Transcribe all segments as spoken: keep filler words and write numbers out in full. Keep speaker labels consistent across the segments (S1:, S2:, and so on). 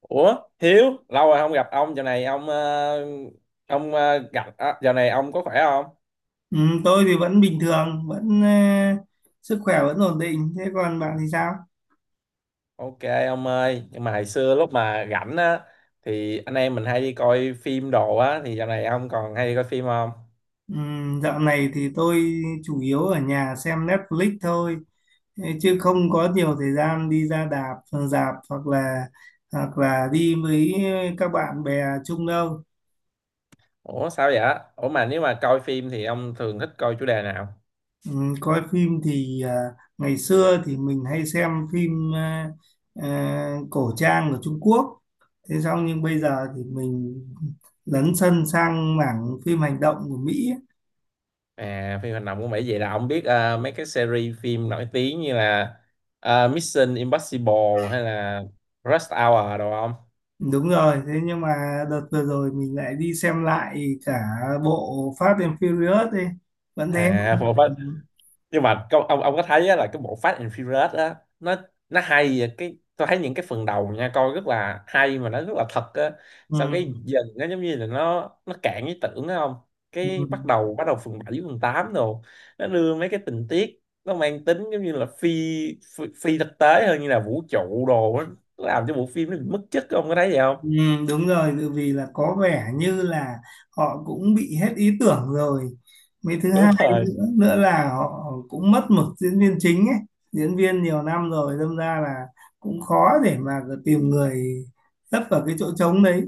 S1: Ủa Hiếu, lâu rồi không gặp ông. Giờ này ông ờ, ông ờ, gặp à, giờ này ông có khỏe không?
S2: Ừ, tôi thì vẫn bình thường, vẫn ờ, sức khỏe vẫn ổn định. Thế còn bạn thì sao?
S1: Ok ông ơi, nhưng mà hồi xưa lúc mà rảnh á thì anh em mình hay đi coi phim đồ á, thì giờ này ông còn hay đi coi phim không?
S2: Ừ, dạo này thì tôi chủ yếu ở nhà xem Netflix thôi, thế chứ không có nhiều thời gian đi ra đạp, rạp hoặc là hoặc là đi với các bạn bè chung đâu.
S1: Ủa sao vậy? Ủa mà nếu mà coi phim thì ông thường thích coi chủ đề nào?
S2: Ừ, coi phim thì à, ngày xưa thì mình hay xem phim à, à, cổ trang của Trung Quốc. Thế xong nhưng bây giờ thì mình lấn sân sang mảng phim hành động của Mỹ. Ấy.
S1: À, phim hành động cũng vậy. Vậy là ông biết ờ, mấy cái series phim nổi tiếng như là ờ, Mission Impossible hay là Rush Hour đồ không?
S2: Đúng rồi, thế nhưng mà đợt vừa rồi mình lại đi xem lại cả bộ Fast and Furious đi. Vẫn thế.
S1: À,
S2: Ừ.
S1: nhưng mà câu ông ông có thấy á, là cái bộ Fast and Furious á, nó nó hay vậy. Cái tôi thấy những cái phần đầu nha, coi rất là hay mà nó rất là thật á,
S2: Ừ.
S1: xong cái dần nó giống như là nó nó cạn ý tưởng á không?
S2: Ừ.
S1: Cái bắt đầu bắt đầu phần bảy, phần tám đồ, nó đưa mấy cái tình tiết nó mang tính giống như là phi phi, phi thực tế hơn, như là vũ trụ đồ á. Nó làm cho bộ phim nó bị mất chất, ông có thấy vậy không?
S2: Ừ, đúng rồi, tự vì là có vẻ như là họ cũng bị hết ý tưởng rồi. Mấy thứ
S1: Đúng
S2: hai
S1: rồi,
S2: nữa, nữa là họ cũng mất mực diễn viên chính ấy, diễn viên nhiều năm rồi, đâm ra là cũng khó để mà tìm người lấp vào cái chỗ trống đấy.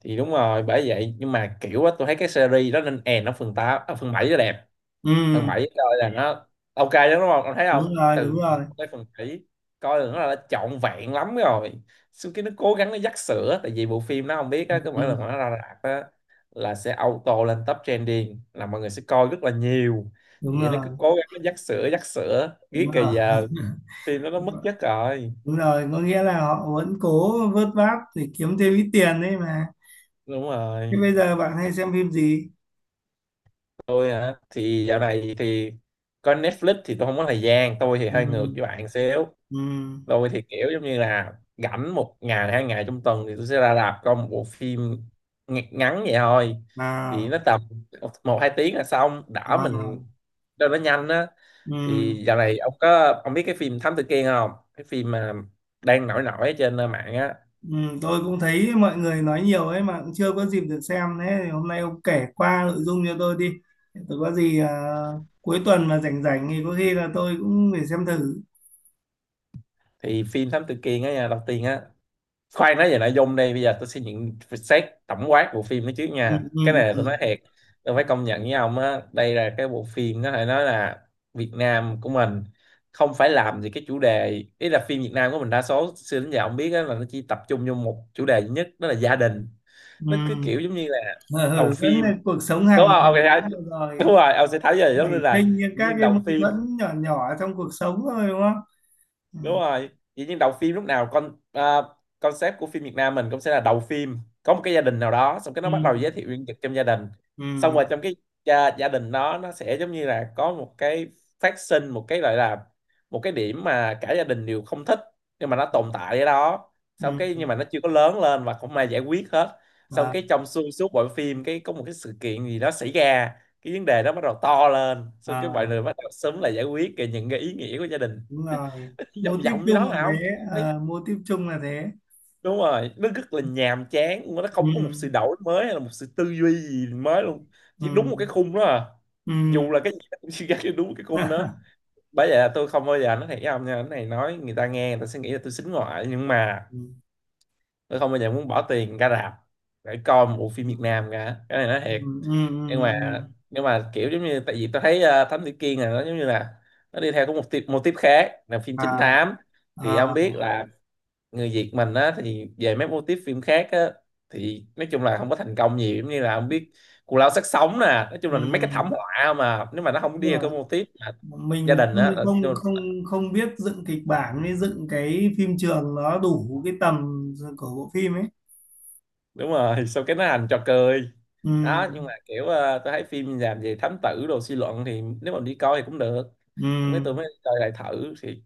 S1: thì đúng rồi, bởi vậy. Nhưng mà kiểu á, tôi thấy cái series đó nên end ở phần tám. Ở phần bảy nó đẹp,
S2: Ừ,
S1: thằng Bảy coi là nó ok lắm, đúng không ông thấy không?
S2: đúng rồi, đúng
S1: Từ
S2: rồi,
S1: cái phần bảy coi là nó là trọn vẹn lắm rồi. Sau khi nó cố gắng nó dắt sữa, tại vì bộ phim nó không biết á, cứ mỗi
S2: ừ,
S1: lần mà nó ra rạp á là sẽ auto lên top trending, là mọi người sẽ coi rất là nhiều.
S2: đúng
S1: Vì vậy nó cứ
S2: rồi,
S1: cố gắng nó dắt sữa dắt sữa,
S2: đúng
S1: biết kì
S2: rồi,
S1: giờ phim nó nó mất chất rồi.
S2: đúng rồi. Có nghĩa là họ vẫn cố vớt vát để kiếm thêm ít tiền đấy mà.
S1: Đúng
S2: Thế
S1: rồi.
S2: bây giờ bạn hay xem phim gì?
S1: Tôi hả? Thì dạo này thì coi Netflix thì tôi không có thời gian. Tôi thì
S2: Ừ,
S1: hơi ngược với bạn xíu.
S2: ừ,
S1: Tôi thì kiểu giống như là rảnh một ngày hai ngày trong tuần thì tôi sẽ ra rạp coi một bộ phim ng- ngắn vậy thôi, thì
S2: à,
S1: nó tầm một một, hai tiếng là xong, đỡ mình
S2: à.
S1: cho nó nhanh á.
S2: Ừ,
S1: Thì dạo này ông có, ông biết cái phim Thám Tử Kiên không, cái phim mà đang nổi nổi trên mạng á?
S2: ừ, tôi cũng thấy mọi người nói nhiều ấy mà cũng chưa có dịp được xem, thế thì hôm nay ông kể qua nội dung cho tôi đi, tôi có gì à, cuối tuần mà rảnh rảnh thì có khi là tôi cũng phải xem thử.
S1: Thì phim Thám Tử Kiên á nha, đầu tiên á, khoan nói về nội dung. Đây bây giờ tôi sẽ nhận xét tổng quát bộ phim đó trước
S2: Ừ,
S1: nha, cái
S2: ừ,
S1: này
S2: ừ,
S1: tôi nói thiệt. Tôi phải công nhận với ông á, đây là cái bộ phim có thể nói là Việt Nam của mình không phải làm gì cái chủ đề ý. Là phim Việt Nam của mình đa số xưa đến giờ ông biết á, là nó chỉ tập trung vô một chủ đề duy nhất, đó là gia đình. Nó cứ
S2: ừ.
S1: kiểu giống như là
S2: Ừ,
S1: đầu
S2: ừ, vẫn
S1: phim,
S2: là cuộc sống hàng
S1: đúng không
S2: ngày,
S1: ông?
S2: đúng rồi.
S1: Đúng
S2: Rồi,
S1: rồi, ông sẽ thấy ra giống
S2: nảy
S1: như là
S2: sinh những các
S1: viên
S2: cái mâu
S1: đầu phim,
S2: thuẫn nhỏ nhỏ trong cuộc sống thôi, đúng không? Ừ,
S1: đúng rồi. Vậy nhưng đầu phim lúc nào con à, concept của phim Việt Nam mình cũng sẽ là đầu phim có một cái gia đình nào đó, xong cái
S2: ừ,
S1: nó bắt đầu giới thiệu nhân vật trong gia đình. Xong
S2: ừ,
S1: rồi trong cái gia, gia đình đó nó sẽ giống như là có một cái, phát sinh một cái gọi là một cái điểm mà cả gia đình đều không thích, nhưng mà nó tồn tại ở đó. Xong cái
S2: ừ.
S1: nhưng mà nó chưa có lớn lên và không ai giải quyết hết. Xong
S2: À,
S1: cái trong xuyên suốt bộ phim cái có một cái sự kiện gì đó xảy ra, cái vấn đề đó bắt đầu to lên, xong cái mọi
S2: à,
S1: người bắt đầu sớm là giải quyết cái những cái ý nghĩa của gia đình.
S2: đúng rồi mô
S1: Vòng
S2: típ
S1: vòng như
S2: chung
S1: đó
S2: là
S1: mà không.
S2: thế,
S1: Đấy,
S2: à, mô típ chung là thế.
S1: đúng rồi, nó rất là nhàm chán luôn á. Nó
S2: Ừ.
S1: không có một sự đổi mới hay là một sự tư duy gì mới luôn, chỉ đúng
S2: Ừ,
S1: một cái khung đó à.
S2: ừ,
S1: Dù là cái gì nó cũng chỉ ra cái đúng cái khung đó.
S2: ừ,
S1: Bởi vậy là tôi không bao giờ, nó thiệt với ông nha, cái này nói người ta nghe người ta sẽ nghĩ là tôi xính ngoại, nhưng mà
S2: ừ,
S1: tôi không bao giờ muốn bỏ tiền ra rạp để coi một bộ phim Việt Nam cả, cái này nói thiệt.
S2: ừ, ừ,
S1: Nhưng mà nhưng mà kiểu giống như, tại vì tôi thấy ờ, Thám Tử Kiên là nó giống như là nó đi theo có một tiếp, một tiếp khác là phim trinh
S2: à,
S1: thám. Thì ông
S2: à,
S1: biết là người Việt mình á, thì về mấy mô típ phim khác á thì nói chung là không có thành công nhiều, giống như là không biết Cù Lao Xác Sống nè, nói chung là mấy cái thảm
S2: ừ,
S1: họa. Mà nếu mà nó không đi
S2: đúng
S1: vào
S2: rồi.
S1: cái mô típ mà gia
S2: Mình
S1: đình á
S2: không
S1: là-
S2: không không không biết dựng kịch bản với dựng cái phim trường nó đủ cái tầm của bộ phim ấy.
S1: đúng rồi. Sau cái nó thành trò cười
S2: Ừ,
S1: đó. Nhưng mà kiểu ờ, tôi thấy phim làm về thám tử đồ, suy luận, thì nếu mà đi coi thì cũng được.
S2: ừ,
S1: Lúc ấy tôi mới coi lại thử thì,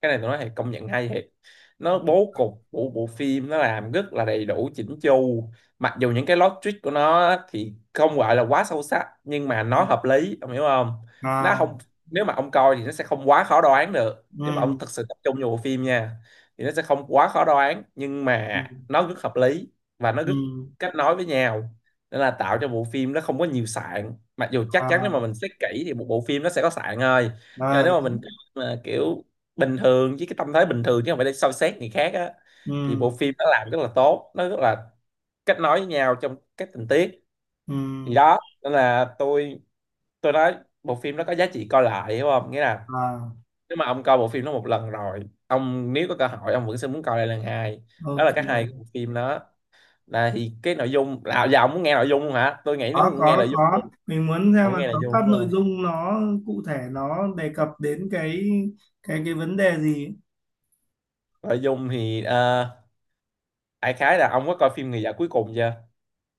S1: cái này tôi nói thiệt, công nhận hay thiệt. Nó bố cục của bộ phim nó làm rất là đầy đủ, chỉnh chu. Mặc dù những cái logic của nó á thì không gọi là quá sâu sắc, nhưng mà nó hợp lý, ông hiểu không? Nó
S2: à,
S1: không, nếu mà ông coi thì nó sẽ không quá khó đoán được, nếu mà ông
S2: ừ,
S1: thật sự tập trung vào bộ phim nha, thì nó sẽ không quá khó đoán, nhưng
S2: ừ,
S1: mà nó rất hợp lý và nó rất
S2: ừm,
S1: kết nối với nhau. Nên là tạo cho bộ phim nó không có nhiều sạn, mặc dù chắc chắn
S2: à,
S1: nếu mà mình xét kỹ thì một bộ phim nó sẽ có sạn thôi. Nhưng mà
S2: à,
S1: nếu mà mình
S2: đúng.
S1: mà kiểu bình thường, với cái tâm thế bình thường chứ không phải để soi xét người khác á,
S2: Ừ,
S1: thì bộ phim nó làm rất là tốt, nó rất là kết nối với nhau trong các tình tiết. Thì
S2: ừm,
S1: đó, nên là tôi tôi nói bộ phim nó có giá trị coi lại, hiểu không? Nghĩa là
S2: à,
S1: nếu mà ông coi bộ phim nó một lần rồi, ông nếu có cơ hội ông vẫn sẽ muốn coi lại lần hai. Đó là cái hay của
S2: ok.
S1: bộ phim đó. Là thì cái nội dung là, giờ ông muốn nghe nội dung không hả? Tôi nghĩ
S2: có
S1: nếu nghe
S2: có
S1: nội dung
S2: có
S1: thì-
S2: mình muốn xem
S1: ông
S2: là
S1: nghe nội
S2: tóm
S1: dung,
S2: tắt
S1: đúng
S2: nội
S1: không?
S2: dung nó cụ thể nó đề cập đến cái cái cái vấn đề gì.
S1: Nội dung thì ờ, đại khái là, ông có coi phim Người Vợ Cuối Cùng chưa?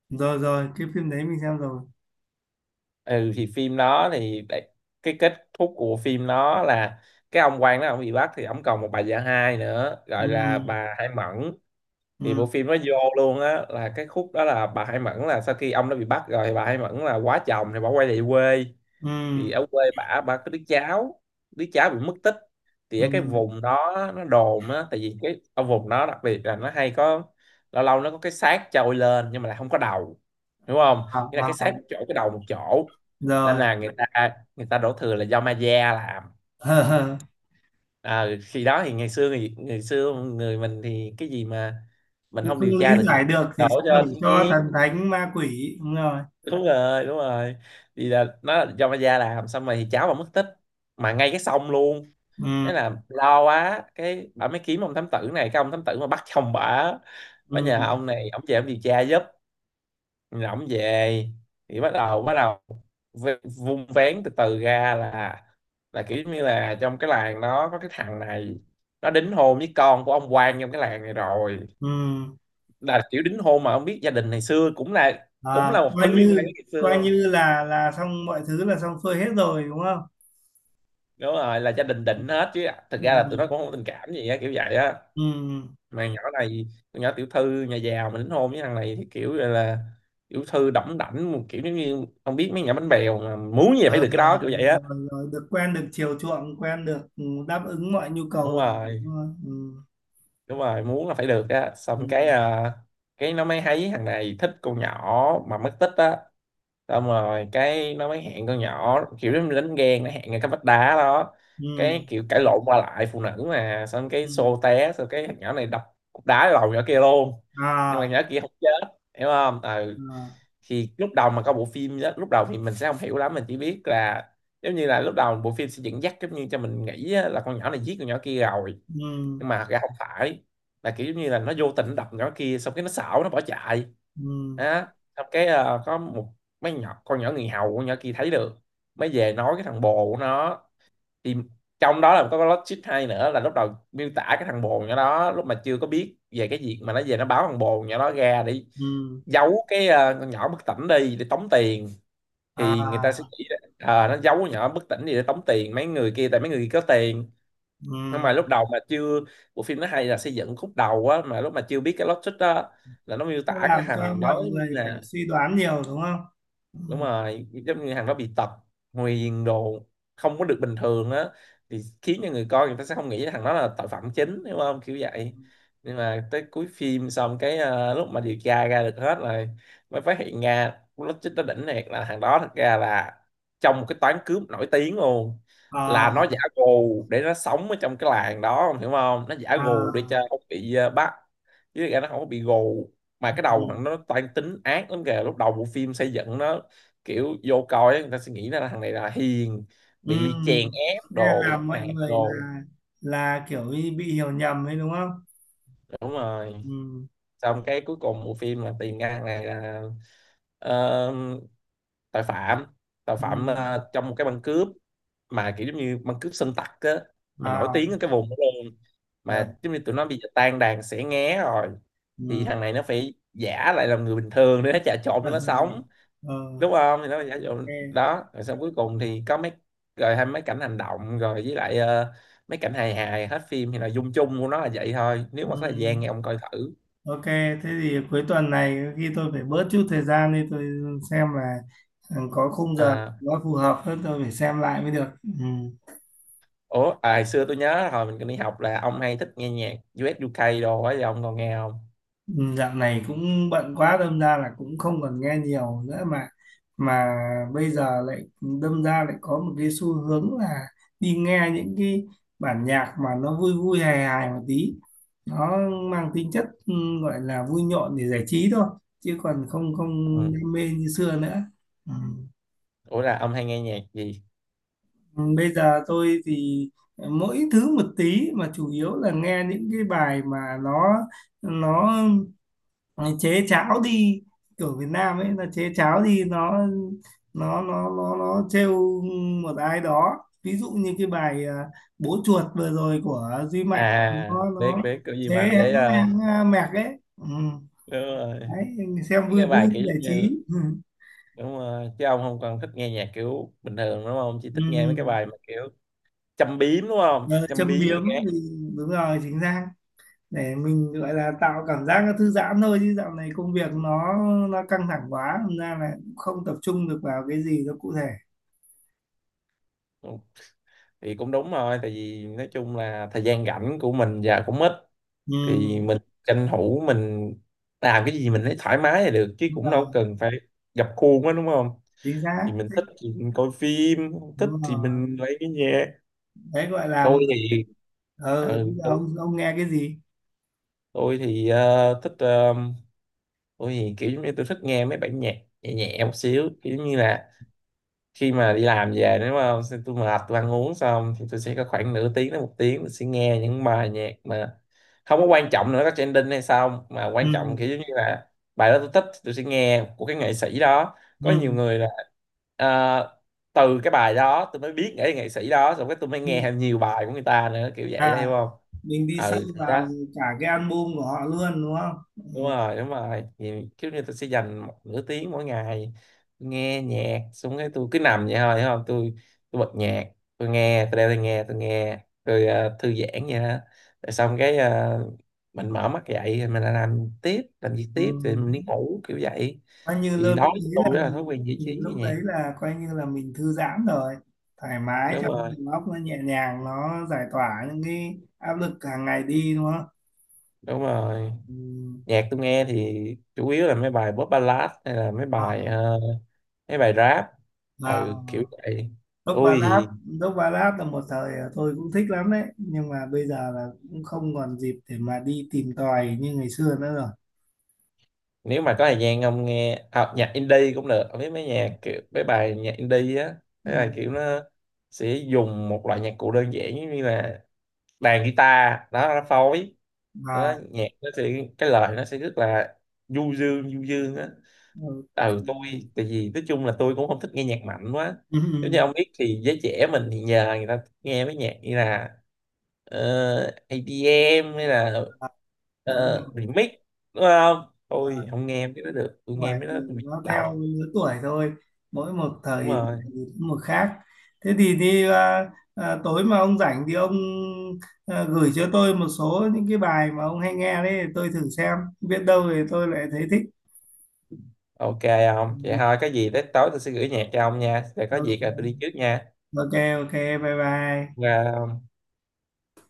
S2: Rồi, rồi cái phim đấy mình xem rồi.
S1: Ừ, thì phim đó thì đại- cái kết thúc của phim nó là cái ông quan đó ông bị bắt, thì ông còn một bà vợ hai nữa gọi là
S2: Ừ,
S1: bà Hải Mẫn. Thì
S2: ừ,
S1: bộ phim nó vô luôn á, là cái khúc đó là bà Hải Mẫn là sau khi ông đã bị bắt rồi, thì bà Hải Mẫn là quá chồng thì bà quay về quê.
S2: ừ,
S1: Thì ở quê bả, bả có đứa cháu, đứa cháu bị mất tích. Thì ở cái
S2: ừ,
S1: vùng đó nó đồn á, tại vì cái ở vùng đó đặc biệt là nó hay có, lâu lâu nó có cái xác trôi lên nhưng mà lại không có đầu, đúng không?
S2: à,
S1: Nghĩa là cái
S2: à,
S1: xác
S2: à.
S1: một chỗ, cái đầu một chỗ. Nên
S2: Rồi
S1: là người ta người ta đổ thừa là do ma da làm. À, khi đó thì ngày xưa, thì ngày xưa người mình thì cái gì mà mình
S2: cứ
S1: không
S2: không
S1: điều
S2: lý
S1: tra được thì
S2: giải được
S1: đổ
S2: thì sẽ
S1: cho
S2: đổ
S1: thiên
S2: cho thần
S1: nhiên,
S2: thánh ma quỷ, đúng rồi.
S1: đúng rồi, đúng rồi. Thì là nó là do ma gia làm. Xong rồi thì cháu mà mất tích mà ngay cái sông luôn.
S2: Ừ,
S1: Thế là lo quá, cái bà mới kiếm ông thám tử này, cái ông thám tử mà bắt chồng bà bà nhờ
S2: ừ,
S1: ông này ông về ông điều tra giúp. Rồi ông về thì bắt đầu bắt đầu v- vung vén từ từ ra là là kiểu như là trong cái làng đó có cái thằng này, nó đính hôn với con của ông quan trong cái làng này rồi.
S2: ừ,
S1: Là kiểu đính hôn mà ông biết, gia đình ngày xưa, cũng là cũng
S2: à,
S1: là một
S2: coi
S1: thứ liên quan
S2: như
S1: đến ngày
S2: coi
S1: xưa,
S2: như là là xong mọi thứ là xong xuôi hết rồi, đúng không?
S1: đúng rồi. Là gia đình định hết, chứ thực ra là tụi
S2: Ừ,
S1: nó cũng không có tình cảm gì á, kiểu vậy á.
S2: ừ,
S1: Mà nhỏ này, con nhỏ tiểu thư nhà giàu mà đính hôn với thằng này, thì kiểu là, là tiểu thư đỏng đảnh, một kiểu giống như không biết mấy nhà bánh bèo, mà muốn gì là phải được cái đó,
S2: rồi,
S1: kiểu vậy á.
S2: rồi được quen được chiều chuộng quen được, ừ, đáp ứng mọi nhu cầu
S1: Đúng
S2: rồi,
S1: rồi,
S2: đúng rồi. Ừ,
S1: đúng rồi, muốn là phải được á.
S2: ừ,
S1: Xong cái à, cái nó mới thấy thằng này thích con nhỏ mà mất tích á. Xong rồi cái nó mới hẹn con nhỏ, kiểu nó như đánh ghen, nó hẹn ngay cái vách đá đó.
S2: ừ,
S1: Cái kiểu cãi lộn qua lại phụ nữ mà, xong cái
S2: ừ.
S1: xô té, xong cái thằng nhỏ này đập cục đá vào đầu nhỏ kia luôn. Nhưng mà
S2: À,
S1: nhỏ kia không chết, hiểu không. Ừ,
S2: à,
S1: thì lúc đầu mà có bộ phim đó, lúc đầu thì mình sẽ không hiểu lắm, mình chỉ biết là giống như là lúc đầu bộ phim sẽ dẫn dắt giống như cho mình nghĩ á, là con nhỏ này giết con nhỏ kia rồi.
S2: ừ,
S1: Nhưng mà thật ra không phải, là kiểu giống như là nó vô tình đập nhỏ kia xong cái nó xảo, nó bỏ chạy
S2: ừ,
S1: đó. Xong cái ờ, có một mấy nhỏ, con nhỏ người hầu con nhỏ kia thấy được, mới về nói cái thằng bồ của nó. Thì trong đó là có cái logic hay nữa là lúc đầu miêu tả cái thằng bồ nhỏ đó lúc mà chưa có biết về cái việc mà nó về nó báo thằng bồ nhỏ đó ra để
S2: ừ,
S1: giấu cái ờ, con nhỏ bất tỉnh đi để tống tiền. Thì người ta sẽ
S2: à,
S1: nghĩ là, ờ, nó giấu con nhỏ bất tỉnh đi để tống tiền mấy người kia, tại mấy người kia có tiền.
S2: ừ.
S1: Nhưng mà lúc đầu mà chưa, bộ phim nó hay là xây dựng khúc đầu á, mà lúc mà chưa biết cái logic đó là nó miêu
S2: Nó
S1: tả cái
S2: làm cho
S1: thằng
S2: mọi
S1: đó giống
S2: người
S1: như
S2: phải
S1: là
S2: suy đoán nhiều, đúng không?
S1: đúng
S2: Ừ.
S1: rồi, giống như thằng đó bị tật nguyền đồ, không có được bình thường á, thì khiến cho người coi người ta sẽ không nghĩ thằng đó là tội phạm chính, đúng không, kiểu vậy. Nhưng mà tới cuối phim xong cái ờ, lúc mà điều tra ra được hết rồi mới phát hiện ra nó, chính nó đỉnh thiệt, là thằng đó thật ra là trong một cái toán cướp nổi tiếng luôn. Là nó giả
S2: À,
S1: gù để nó sống ở trong cái làng đó, ông hiểu không, nó giả gù để
S2: à,
S1: cho không bị ờ, bắt, chứ thật ra nó không có bị gù. Mà cái
S2: ừ,
S1: đầu nó, nó toan tính ác lắm kìa. Lúc đầu bộ phim xây dựng nó kiểu vô coi ấy, người ta sẽ nghĩ là thằng này là hiền,
S2: ừ.
S1: bị chèn
S2: Thế
S1: ép
S2: là
S1: đồ, bị
S2: làm
S1: bắt
S2: mọi
S1: nạt
S2: người
S1: đồ.
S2: là là kiểu như bị hiểu nhầm ấy, đúng không?
S1: Đúng rồi,
S2: Ừ,
S1: xong cái cuối cùng bộ phim là tìm ra thằng này là ờ, tội phạm, tội phạm
S2: ừ.
S1: ờ, trong một cái băng cướp. Mà kiểu giống như băng cướp sơn tặc á, mà nổi
S2: À,
S1: tiếng ở cái vùng đó luôn.
S2: được,
S1: Mà giống như tụi nó bây giờ tan đàn xẻ nghé rồi, thì
S2: ừ.
S1: thằng này nó phải giả lại làm người bình thường để nó trà trộn cho nó sống,
S2: Ừ.
S1: đúng không, thì nó là giả dụ
S2: Ok,
S1: đó. Rồi xong cuối cùng thì có mấy, rồi hay mấy cảnh hành động, rồi với lại ờ, mấy cảnh hài hài hết phim. Thì là dung chung của nó là vậy thôi, nếu mà có thời
S2: ừm,
S1: gian thì ông coi thử.
S2: ok, thế thì cuối tuần này khi tôi phải bớt chút thời gian đi, tôi xem là, ừ, có khung giờ
S1: À,
S2: nó phù hợp hơn tôi phải xem lại mới được. Ừ.
S1: ủa à, hồi xưa tôi nhớ hồi mình còn đi học là ông hay thích nghe nhạc U ét U ca đồ ấy, thì ông còn nghe không?
S2: Ừ, dạo này cũng bận quá đâm ra là cũng không còn nghe nhiều nữa, mà mà bây giờ lại đâm ra lại có một cái xu hướng là đi nghe những cái bản nhạc mà nó vui vui hài hài một tí, nó mang tính chất, ừ, gọi là vui nhộn để giải trí thôi chứ còn không không
S1: Ừ.
S2: đam mê như xưa nữa. Ừ.
S1: Ủa là ông hay nghe nhạc gì?
S2: Ừ, bây giờ tôi thì mỗi thứ một tí mà chủ yếu là nghe những cái bài mà nó nó Ờ, chế cháo đi kiểu Việt Nam ấy là chế cháo đi, nó nó nó nó nó trêu một ai đó, ví dụ như cái bài à, bố chuột vừa rồi của Duy Mạnh
S1: À,
S2: nó nó
S1: biết biết cái gì mà
S2: chế
S1: để
S2: hãng,
S1: ờ,
S2: hãng à, mẹc ấy, ừ.
S1: đúng rồi
S2: Đấy, xem vui
S1: cái bài
S2: vui
S1: kiểu
S2: giải
S1: như,
S2: trí, ừ.
S1: đúng rồi, chứ ông không còn thích nghe nhạc kiểu bình thường đúng không, chỉ
S2: Ừ.
S1: thích nghe mấy cái bài mà kiểu châm biếm đúng không,
S2: Ờ,
S1: châm
S2: châm
S1: biếm
S2: biếm
S1: nghe.
S2: thì đúng rồi, chính xác, để mình gọi là tạo cảm giác nó thư giãn thôi chứ dạo này công việc nó nó căng thẳng quá thành ra là cũng không tập trung được vào cái gì nó cụ thể.
S1: Ừ, thì cũng đúng rồi, tại vì nói chung là thời gian rảnh của mình giờ cũng ít,
S2: Ừ.
S1: thì mình tranh thủ mình làm cái gì mình thấy thoải mái là được, chứ
S2: Đúng
S1: cũng đâu
S2: rồi,
S1: cần phải gập khuôn quá đúng không.
S2: chính xác,
S1: Thì mình thích thì mình coi phim, không thích
S2: đúng
S1: thì
S2: rồi.
S1: mình lấy cái nhạc.
S2: Đấy gọi là,
S1: Tôi thì
S2: ờ,
S1: ừ,
S2: bây giờ ông ông nghe cái gì?
S1: tôi thì ờ, thích ờ, tôi thì kiểu giống như tôi thích nghe mấy bản nhạc nhẹ nhẹ một xíu, kiểu như là khi mà đi làm về đúng không. Xong tôi mệt, tôi ăn uống xong thì tôi sẽ có khoảng nửa tiếng đến một tiếng tôi sẽ nghe những bài nhạc mà không có quan trọng nữa có trending hay sao, mà quan
S2: Ừ,
S1: trọng kiểu giống như là bài đó tôi thích, tôi sẽ nghe của cái nghệ sĩ đó, có
S2: ừ,
S1: nhiều người là ờ, từ cái bài đó tôi mới biết nghệ nghệ sĩ đó, xong cái tôi mới
S2: ừ.
S1: nghe thêm nhiều bài của người ta nữa kiểu
S2: À,
S1: vậy á, hiểu không.
S2: mình đi sâu
S1: Ừ thì
S2: vào
S1: đó,
S2: cả cái album của họ luôn, đúng không?
S1: đúng
S2: Ừ.
S1: rồi đúng rồi, thì kiểu như tôi sẽ dành một nửa tiếng mỗi ngày nghe nhạc, xong cái tôi cứ nằm vậy thôi hiểu không. Tôi tôi bật nhạc, tôi nghe, tôi đeo tai nghe tôi nghe, tôi ờ, thư giãn vậy đó. Rồi xong cái ờ, mình mở mắt dậy thì mình lại làm tiếp, làm việc
S2: Ừ.
S1: tiếp thì mình đi ngủ kiểu vậy.
S2: Coi như
S1: Thì
S2: lơ
S1: đối
S2: lúc đấy
S1: với tôi
S2: là
S1: đó là thói
S2: mình
S1: quen giải trí
S2: mình
S1: nghe
S2: lúc đấy
S1: nhạc.
S2: là coi như là mình thư giãn rồi, thoải mái
S1: Đúng
S2: cho
S1: rồi,
S2: đầu óc nó nhẹ nhàng nó giải tỏa những cái áp lực hàng ngày đi, đúng không?
S1: đúng rồi.
S2: Ừ.
S1: Nhạc tôi nghe thì chủ yếu là mấy bài pop ballad, hay là mấy
S2: À,
S1: bài ờ, mấy bài rap. Ừ kiểu
S2: à.
S1: vậy.
S2: Dốc
S1: Tôi
S2: Ballad,
S1: thì
S2: Dốc Ballad là một thời tôi cũng thích lắm đấy nhưng mà bây giờ là cũng không còn dịp để mà đi tìm tòi như ngày xưa nữa rồi.
S1: nếu mà có thời gian ông nghe à, nhạc indie cũng được, ông biết mấy nhạc kiểu mấy bài nhạc indie á,
S2: Ừ.
S1: mấy bài kiểu nó sẽ dùng một loại nhạc cụ đơn giản giống như là đàn guitar đó nó phối đó,
S2: Mà
S1: nhạc nó sẽ, cái lời nó sẽ rất là du dương, du dương á.
S2: ờ,
S1: Ừ
S2: ừ,
S1: tôi, tại vì nói chung là tôi cũng không thích nghe nhạc mạnh quá,
S2: ừ,
S1: giống như ông biết thì giới trẻ mình thì nhờ người ta nghe mấy nhạc như là uh, E đê em hay là
S2: đúng rồi.
S1: ờ, remix đúng không. Tôi
S2: Mà
S1: không nghe mấy đó được, tôi
S2: không
S1: nghe
S2: phải,
S1: mấy đó
S2: thì
S1: tôi bị
S2: nó theo
S1: đầu.
S2: lứa tuổi thôi, mỗi một thời
S1: Đúng rồi,
S2: thì một khác. Thế thì đi à, à, tối mà ông rảnh thì ông à, gửi cho tôi một số những cái bài mà ông hay nghe đấy, tôi thử xem biết đâu thì tôi lại thấy thích.
S1: ok, không vậy thôi, có gì tới tối tôi sẽ gửi nhạc cho ông nha, rồi có việc là tôi đi
S2: Ok,
S1: trước nha.
S2: ok, ok, bye bye.
S1: Và